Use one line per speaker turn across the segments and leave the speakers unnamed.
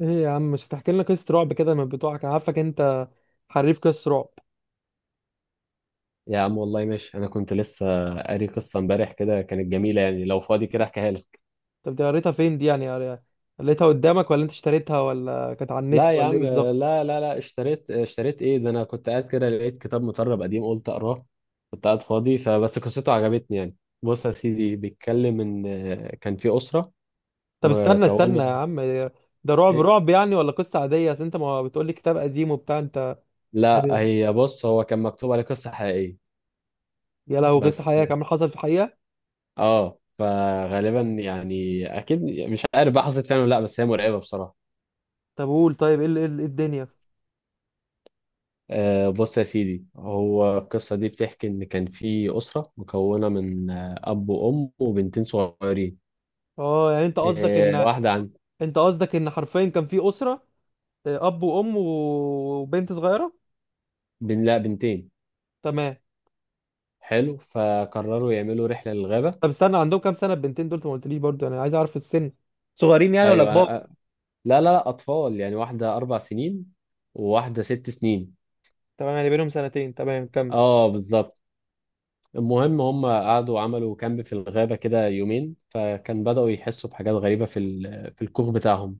ايه يا عم؟ مش هتحكي لنا قصة رعب كده من بتوعك؟ انا عارفك انت حريف قصة رعب.
يا عم والله ماشي، انا كنت لسه قاري قصه امبارح كده، كانت جميله يعني لو فاضي كده احكيها لك.
طب دي قريتها فين دي، يعني قريتها قدامك ولا انت اشتريتها ولا كانت على
لا
النت
يا
ولا ايه
عم، لا،
بالظبط؟
لا، لا، اشتريت ايه ده، انا كنت قاعد كده لقيت كتاب مطرب قديم قلت اقراه. كنت قاعد فاضي فبس قصته عجبتني يعني. بص يا سيدي، بيتكلم ان كان في اسره
طب استنى استنى
مكونه.
يا عم. ده رعب
إيه؟
رعب يعني ولا قصة عادية؟ اصل انت ما بتقولي كتاب قديم وبتاع انت.
لا
يعني
هي بص، هو كان مكتوب عليه قصه حقيقيه
يا لهو، قصة
بس.
حقيقية كمان؟ حصل في حقيقة؟
اه، فغالبا يعني اكيد مش عارف بقى حصلت فعلا ولا لا، بس هي مرعبه بصراحه.
طب قول، طيب ايه إيه إيه الدنيا؟
بص يا سيدي، هو القصة دي بتحكي إن كان في أسرة مكونة من أب وأم وبنتين صغيرين.
اه يعني
واحدة عن
انت قصدك ان حرفيا كان في أسرة، اب وام وبنت صغيرة.
لا، بنتين.
تمام.
حلو. فقرروا يعملوا رحلة للغابة.
طب استنى، عندهم كام سنة البنتين دول؟ انت ما قلتليش برضو، انا عايز اعرف السن. صغيرين يعني ولا
أيوة.
كبار؟
لا، لا، لا، أطفال يعني، واحدة 4 سنين وواحدة 6 سنين.
تمام، يعني بينهم سنتين. تمام، كمل.
أه، بالظبط. المهم هم قعدوا عملوا كامب في الغابة كده يومين، فكان بدأوا يحسوا بحاجات غريبة في الكوخ بتاعهم.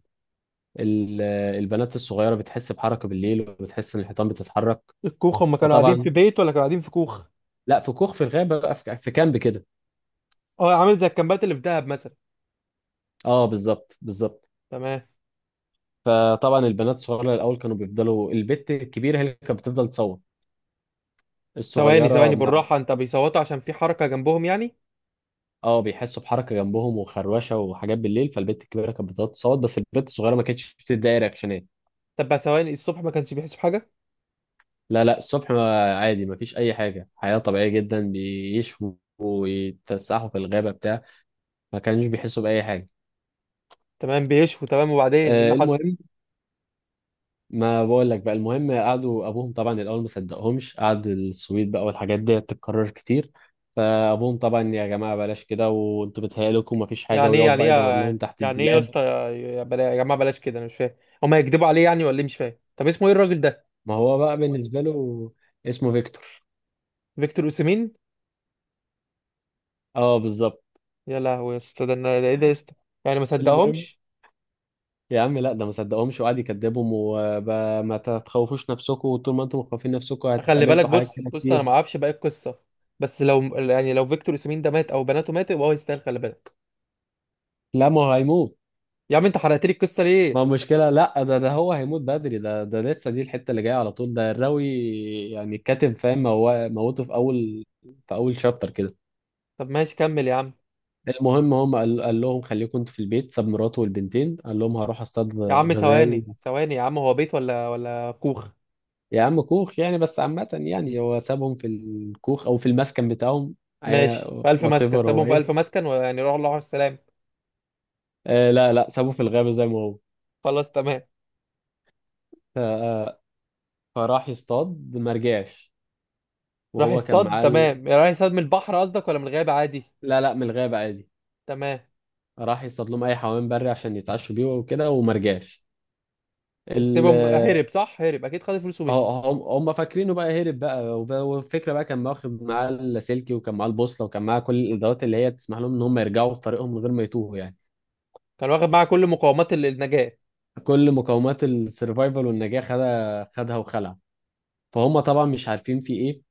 البنات الصغيرة بتحس بحركة بالليل، وبتحس إن الحيطان بتتحرك.
الكوخ، هم كانوا قاعدين في
فطبعا،
بيت ولا كانوا قاعدين في كوخ؟
لا في كوخ في الغابه بقى، في كامب كده.
اه، عامل زي الكامبات اللي في دهب مثلا.
اه، بالظبط بالظبط.
تمام.
فطبعا البنات الصغيره الاول كانوا بيفضلوا، البت الكبيره هي اللي كانت بتفضل تصوت،
ثواني
الصغيره
ثواني،
ما.
بالراحة انت. بيصوتوا عشان في حركة جنبهم يعني؟
اه، بيحسوا بحركه جنبهم وخروشه وحاجات بالليل، فالبت الكبيره كانت بتفضل تصوت، بس البت الصغيره ما كانتش بتدي أي رياكشنات.
طب بقى ثواني، الصبح ما كانش بيحسوا حاجة؟
لا، لا، الصبح عادي، ما فيش اي حاجه، حياه طبيعيه جدا، بيشوا ويتفسحوا في الغابه بتاع، ما كانوش بيحسوا باي حاجه.
تمام، بيشوا تمام. وبعدين ايه اللي حصل؟
المهم، ما بقول لك بقى، المهم قعدوا، ابوهم طبعا الاول ما صدقهمش، قعد السويد بقى والحاجات دي تتكرر كتير. فابوهم طبعا، يا جماعه بلاش كده وانتوا بتهيألكم ومفيش حاجه،
يعني ايه
ويقعد
يعني
بقى يدور لهم
ايه
تحت
يعني ايه يا
الدولاب.
اسطى، يا يا جماعة بلاش كده، انا مش فاهم. هم هيكدبوا عليه يعني ولا ايه؟ مش فاهم. طب اسمه ايه الراجل ده؟
ما هو بقى بالنسبه له، اسمه فيكتور.
فيكتور اوسيمين؟
اه، بالظبط.
يا لهوي يا اسطى، ده ايه ده يا اسطى؟ يعني ما
المهم،
صدقهمش؟
يا عم لا، ده ما صدقهمش، وقعد يكذبهم، وما تخوفوش نفسكم، وطول ما انتم مخوفين نفسكم
خلي بالك،
هتقابلكم
بص
حاجات كده
بص، انا
كتير.
ما اعرفش باقي القصه. بس لو يعني لو فيكتور ياسمين ده مات او بناته ماتت يبقى هو يستاهل. خلي بالك.
لا، ما هو هيموت.
يا عم انت حرقت لي القصه
ما
ليه؟
المشكلة، لا، ده هو هيموت بدري، ده لسه دي الحتة اللي جاية على طول، ده الراوي يعني الكاتب، فاهم، هو موته في أول شابتر كده.
طب ماشي، كمل يا عم.
المهم، هم قال لهم خليكم انتوا في البيت، ساب مراته والبنتين، قال لهم هروح اصطاد
يا عم
غزال.
ثواني ثواني يا عم، هو بيت ولا كوخ؟
يا عم كوخ يعني، بس عامة يعني هو سابهم في الكوخ أو في المسكن بتاعهم.
ماشي، في الف
وات
مسكن
ايفر هو
سابهم، في الف
إيه.
مسكن، ويعني راحوا الله على السلام.
لا، لا، سابه في الغابة زي ما هو.
خلاص تمام.
ف- آه، فراح يصطاد، ما رجعش،
راح
وهو كان
يصطاد،
معاه
تمام. راح يصطاد من البحر قصدك ولا من الغابه عادي؟
لا، لا، من الغابة عادي.
تمام.
راح يصطاد لهم اي حيوان بري عشان يتعشوا بيه وكده، وما رجعش ال
سيبهم هرب، صح؟ هرب اكيد، خد الفلوس
ه-
ومشي.
هم فاكرينه بقى هرب بقى، والفكره بقى كان واخد معاه اللاسلكي وكان معاه البوصله وكان معاه كل الادوات اللي هي تسمح لهم ان هم يرجعوا في طريقهم من غير ما يتوهوا يعني.
كان واخد معاه كل مقومات النجاه.
كل مقومات السرفايفل والنجاه، خدها خدها وخلع. فهم طبعا مش عارفين في ايه.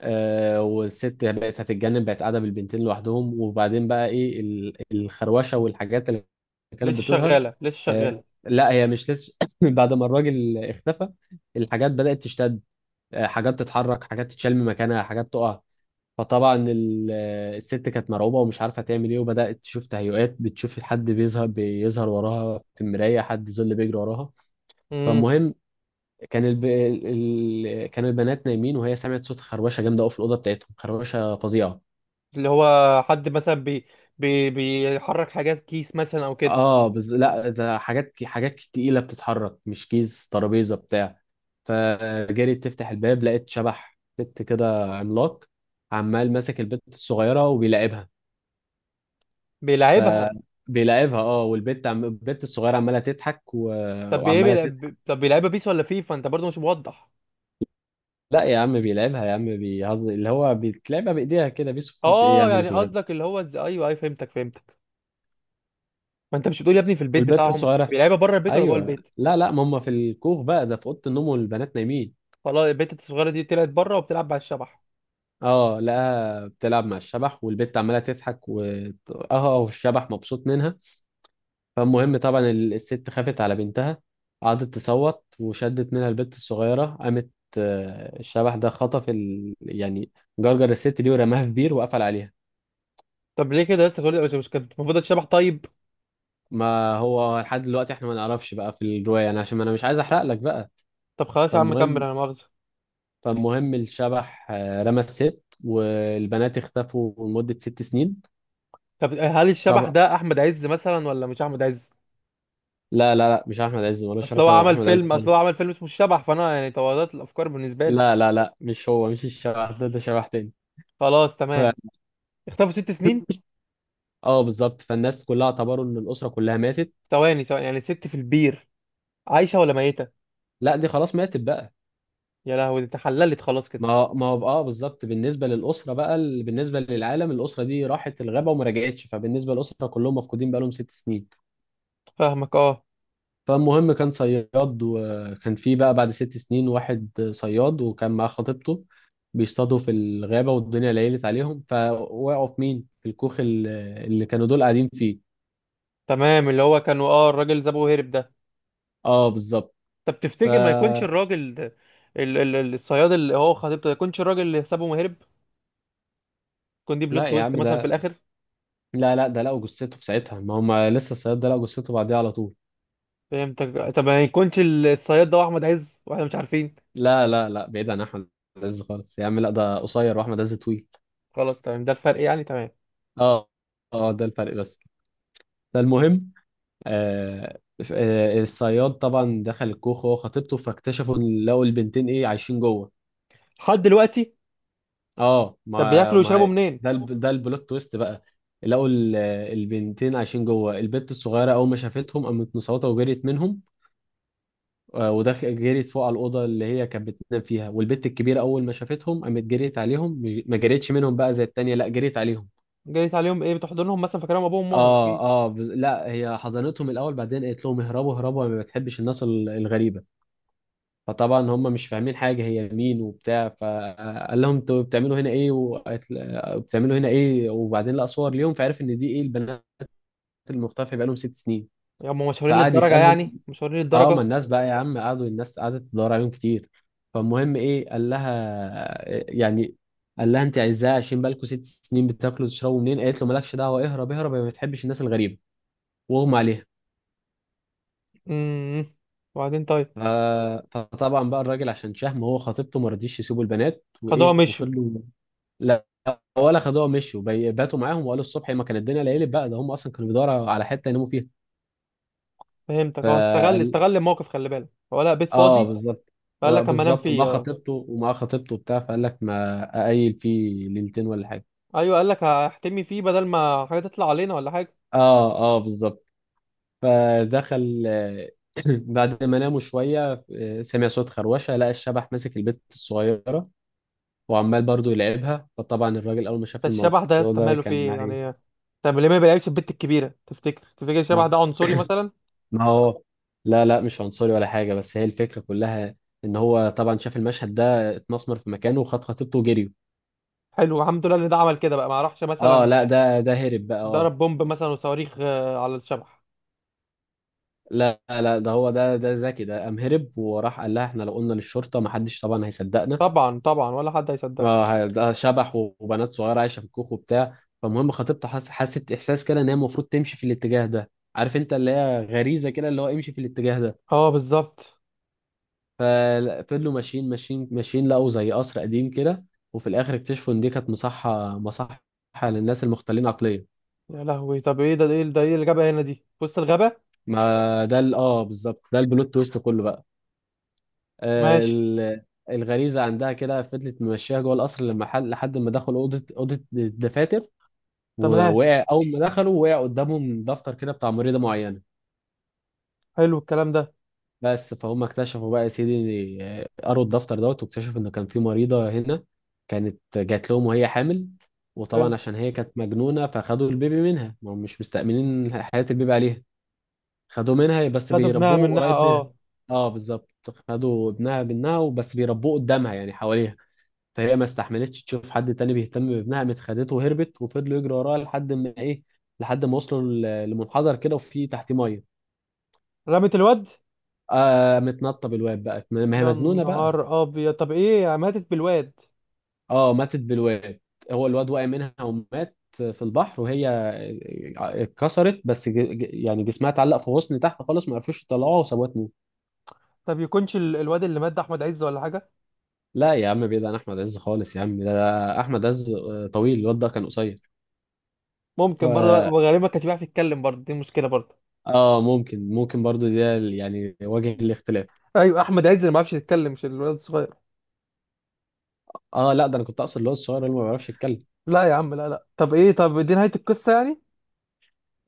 والست بقت هتتجنن، بقت قاعده بالبنتين لوحدهم، وبعدين بقى ايه الخروشه والحاجات اللي كانت
لسه
بتظهر.
شغاله، لسه
آه
شغاله.
لا هي مش لسه بعد ما الراجل اختفى الحاجات بدات تشتد. حاجات تتحرك، حاجات تتشال من مكانها، حاجات تقع. فطبعا الست كانت مرعوبه ومش عارفه تعمل ايه، وبدات تشوف تهيؤات، بتشوف حد بيظهر وراها في المرايه، حد ظل بيجري وراها. فالمهم كان البنات نايمين، وهي سمعت صوت خروشه جامده قوي في الاوضه بتاعتهم، خروشه فظيعه.
اللي هو حد مثلا بي بي بيحرك حاجات، كيس مثلا او كده؟
اه لا ده حاجات تقيله بتتحرك، مش كيس ترابيزه بتاع. فجريت تفتح الباب، لقيت شبح بت كده عملاق، عمال ماسك البت الصغيره وبيلاعبها. ف
بيلعبها؟
بيلاعبها، اه، والبت البت الصغيره عماله تضحك
طب ايه
وعماله تضحك.
بيلعبها بيس ولا فيفا؟ انت برضه مش موضح.
لا يا عم بيلاعبها يا عم، بيهزر، اللي هو بيتلعبها بايديها كده، بيسكت ايه يا
اه
عم اللي
يعني
في الغالب.
قصدك اللي هو ازاي؟ ايوه ايوه فهمتك فهمتك. ما انت مش بتقول يا ابني؟ في البيت
والبت
بتاعهم
الصغيره،
بيلعبها، بره البيت ولا جوه
ايوه،
البيت؟
لا، لا، ما هم في الكوخ بقى، ده في اوضه النوم والبنات نايمين.
خلاص، البيت الصغيره دي طلعت بره وبتلعب على الشبح؟
اه، لقاها بتلعب مع الشبح والبت عماله تضحك و اه آه، والشبح مبسوط منها. فالمهم طبعا الست خافت على بنتها، قعدت تصوت، وشدت منها البت الصغيره، قامت. الشبح ده خطف يعني جرجر الست دي ورماها في بير وقفل عليها.
طب ليه كده لسه كل مش كانت المفروض الشبح طيب؟
ما هو لحد دلوقتي احنا ما نعرفش بقى في الروايه يعني، عشان ما انا مش عايز احرق لك بقى.
طب خلاص يا عم، كمل،
فالمهم،
انا مؤاخذه.
الشبح رمى الست، والبنات اختفوا لمدة 6 سنين.
طب هل الشبح
طب،
ده احمد عز مثلا ولا مش احمد عز؟
لا، لا، لا، مش أحمد عز، ملوش
اصل هو
علاقة
عمل
بأحمد عز
فيلم،
خالص.
اصل هو عمل فيلم اسمه الشبح، فانا يعني توضحت الافكار بالنسبه لي.
لا، لا، لا، مش هو، مش الشبح ده شبح تاني.
خلاص
ف...
تمام. اختفوا 6 سنين؟
اه، بالظبط. فالناس كلها اعتبروا ان الأسرة كلها ماتت.
ثواني ثواني، يعني ست في البير، عايشة ولا ميتة؟
لا، دي خلاص ماتت بقى.
يا لهوي، دي اتحللت خلاص كده.
ما هو بالظبط، بالنسبة للأسرة بقى ال- بالنسبة للعالم الأسرة دي راحت الغابة وما رجعتش، فبالنسبة للأسرة كلهم مفقودين بقالهم 6 سنين.
فاهمك اه.
فالمهم كان صياد، وكان في بقى بعد 6 سنين واحد صياد، وكان معاه خطيبته، بيصطادوا في الغابة والدنيا ليلت عليهم، فوقعوا في مين؟ في الكوخ اللي كانوا دول قاعدين فيه.
تمام، اللي هو كانوا الراجل زبو هرب ده.
اه، بالظبط.
طب
ف
تفتكر ما يكونش الراجل ده الصياد، اللي هو خطيبته، ما يكونش الراجل اللي حسابه مهرب؟ يكون دي
لا
بلوت
يا
تويست
عم،
مثلا في الاخر؟
لا، لا، ده لقوا جثته في ساعتها، ما هم لسه الصياد ده لقوا جثته بعديها على طول.
فهمتك. طب ما يكونش الصياد ده هو احمد عز واحنا مش عارفين؟
لا، لا، لا، بعيد عن احمد عز خالص يا عم، لا ده قصير واحمد عز طويل.
خلاص تمام، ده الفرق يعني. تمام.
اه، اه، ده الفرق بس. فالمهم، آه، الصياد طبعا دخل الكوخ هو خطيبته، فاكتشفوا إن لقوا البنتين ايه عايشين جوه.
لحد دلوقتي؟
اه،
طب
ما
بياكلوا ويشربوا
ما
منين؟
ده البلوت تويست بقى. لقوا البنتين عايشين جوه، البنت الصغيره اول ما شافتهم قامت مصوته وجريت منهم. آه، ودخ جريت فوق على الاوضه اللي هي كانت بتنام فيها، والبنت الكبيره اول ما شافتهم قامت جريت عليهم، ما جريتش منهم بقى زي التانيه، لا جريت عليهم.
جريت عليهم ايه، بتحضنهم مثلا فاكرهم ابوهم وامهم
اه،
اكيد؟
اه، لا هي حضنتهم الاول، بعدين قالت لهم اهربوا اهربوا أنا ما بتحبش الناس الغريبه. فطبعا هم مش فاهمين حاجة، هي مين وبتاع، فقال لهم انتوا بتعملوا هنا ايه، بتعملوا هنا ايه، وبعدين لقى صور ليهم، فعرف ان دي ايه البنات المختفية بقالهم 6 سنين.
هم مشهورين
فقعد
للدرجة
يسألهم.
يعني؟ مشهورين
اه ما
للدرجة؟
الناس بقى يا عم، قعدوا الناس قعدت تدور عليهم كتير، فالمهم ايه يعني قال لها انت عايزاه عشان بالكم 6 سنين بتاكلوا وتشربوا منين، قالت له مالكش دعوة، اهرب اهرب يا ما بتحبش الناس الغريبة، واغمى عليها.
امم وبعدين طيب؟
ف- فطبعا بقى الراجل عشان شهم هو خطيبته، ما رضيش يسيبوا البنات
خدوها
وايه،
مشيوا؟
وفضلوا. لا، ولا خدوها مشوا، باتوا معاهم وقالوا الصبح، ما كان الدنيا ليلت بقى، ده هم اصلا كانوا بيدوروا على حته يناموا فيها.
فهمتك اه، استغل
فقال.
استغل الموقف، خلي بالك هو لقى بيت
اه،
فاضي.
بالظبط.
فقال لك اما انام
بالظبط، وما
فيه اه.
خطيبته وما خطيبته بتاع، فقال لك ما اقيل فيه ليلتين ولا حاجه.
ايوه، قال لك هحتمي فيه بدل ما حاجه تطلع علينا ولا حاجه.
اه، اه، بالظبط. فدخل، بعد ما ناموا شويه سمع صوت خروشه، لقى الشبح ماسك البت الصغيره وعمال برضو يلعبها، فطبعا الراجل اول ما شاف
ده الشبح ده يا
الموضوع
اسطى،
ده
ماله
كان
فيه
معي.
يعني؟ طب ليه ما بيلعبش البت الكبيره؟ تفتكر تفتكر الشبح ده عنصري مثلا؟
ما هو لا، لا، مش عنصري ولا حاجة، بس هي الفكرة كلها، ان هو طبعا شاف المشهد ده اتمسمر في مكانه، وخد خطيبته وجريوا.
حلو، الحمد لله ان ده عمل كده بقى، ما راحش
اه،
مثلا.
لا، ده هرب بقى، اه.
ضرب بومب مثلا وصواريخ على الشبح.
لا، لا، ده هو، ده ذكي، ده قام هرب، وراح قال لها احنا لو قلنا للشرطة محدش طبعا هيصدقنا.
طبعا طبعا، ولا حد هيصدقه.
اه، ده شبح وبنات صغيرة عايشة في الكوخ وبتاع، فالمهم خطيبته حست احساس كده ان هي المفروض تمشي في الاتجاه ده. عارف انت، اللي هي غريزة كده، اللي هو امشي في الاتجاه ده.
اه بالظبط.
ففضلوا ماشيين ماشيين ماشيين، لقوا زي قصر قديم كده. وفي الاخر اكتشفوا ان دي كانت مصحة، مصحة للناس المختلين عقليا.
يا لهوي طب ايه ده ايه ده، ايه الغابه هنا دي في وسط الغابه؟
ما ده بالظبط، ده البلوت تويست كله بقى. آه،
ماشي.
ال- الغريزة عندها كده، فضلت ممشيها جوه القصر، لما حل لحد ما دخلوا أوضة الدفاتر.
تمام.
ووقع أول ما دخلوا، وقع قدامهم دفتر كده بتاع مريضة معينة.
حلو الكلام ده.
بس فهم اكتشفوا بقى يا سيدي، قروا الدفتر دوت واكتشفوا ان كان في مريضة هنا كانت جات لهم وهي حامل. وطبعا
حلو.
عشان هي كانت مجنونة، فخدوا البيبي منها، ما هم مش مستأمنين حياة البيبي عليها. خدوه منها، بس
لا دبناها
بيربوه
منها
قريب منها.
اه.
اه، بالظبط. خدوا ابنها منها وبس بيربوه قدامها يعني حواليها. فهي ما استحملتش تشوف حد تاني بيهتم بابنها، قامت خدته وهربت، وفضلوا يجروا وراها لحد ما وصلوا لمنحدر كده، وفي تحتيه ميه.
رمت الواد؟
متنطه بالواد بقى، ما هي
يا
مجنونه بقى.
نهار ابيض. طب ايه، ماتت بالواد؟
اه، ماتت بالواد، هو الواد وقع منها ومات في البحر، وهي اتكسرت بس يعني جسمها اتعلق في غصن تحت خالص، ما عرفوش يطلعوها وسابوها تموت.
طب يكونش الواد اللي مات ده احمد عز ولا حاجه؟
لا يا عم، بعيد عن احمد عز خالص يا عم، ده احمد عز طويل، الواد ده كان قصير. ف
ممكن برضه، وغالبا ما كانش بيعرف يتكلم برضه، دي مشكله برضه.
اه ممكن برضو، ده يعني وجه الاختلاف.
ايوه احمد عز اللي ما بيعرفش يتكلم، مش الواد الصغير.
اه، لا ده انا كنت اقصد اللي هو الصغير اللي ما بيعرفش يتكلم.
لا يا عم لا لا، طب ايه، طب دي نهايه القصه يعني؟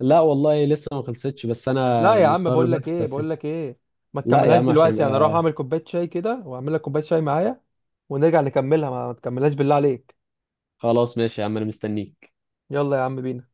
لا والله لسه ما خلصتش، بس
لا
انا
يا عم،
مضطر
بقول لك
بس
ايه، بقول
أسيب.
لك ايه. ما
لا يا
تكملهاش
عم، عشان
دلوقتي،
يبقى.
انا اروح اعمل كوبايه شاي كده واعمل لك كوبايه شاي معايا. ونرجع نكملها. ما تكملهاش بالله عليك.
خلاص ماشي يا عم، انا مستنيك.
يلا يا عم بينا.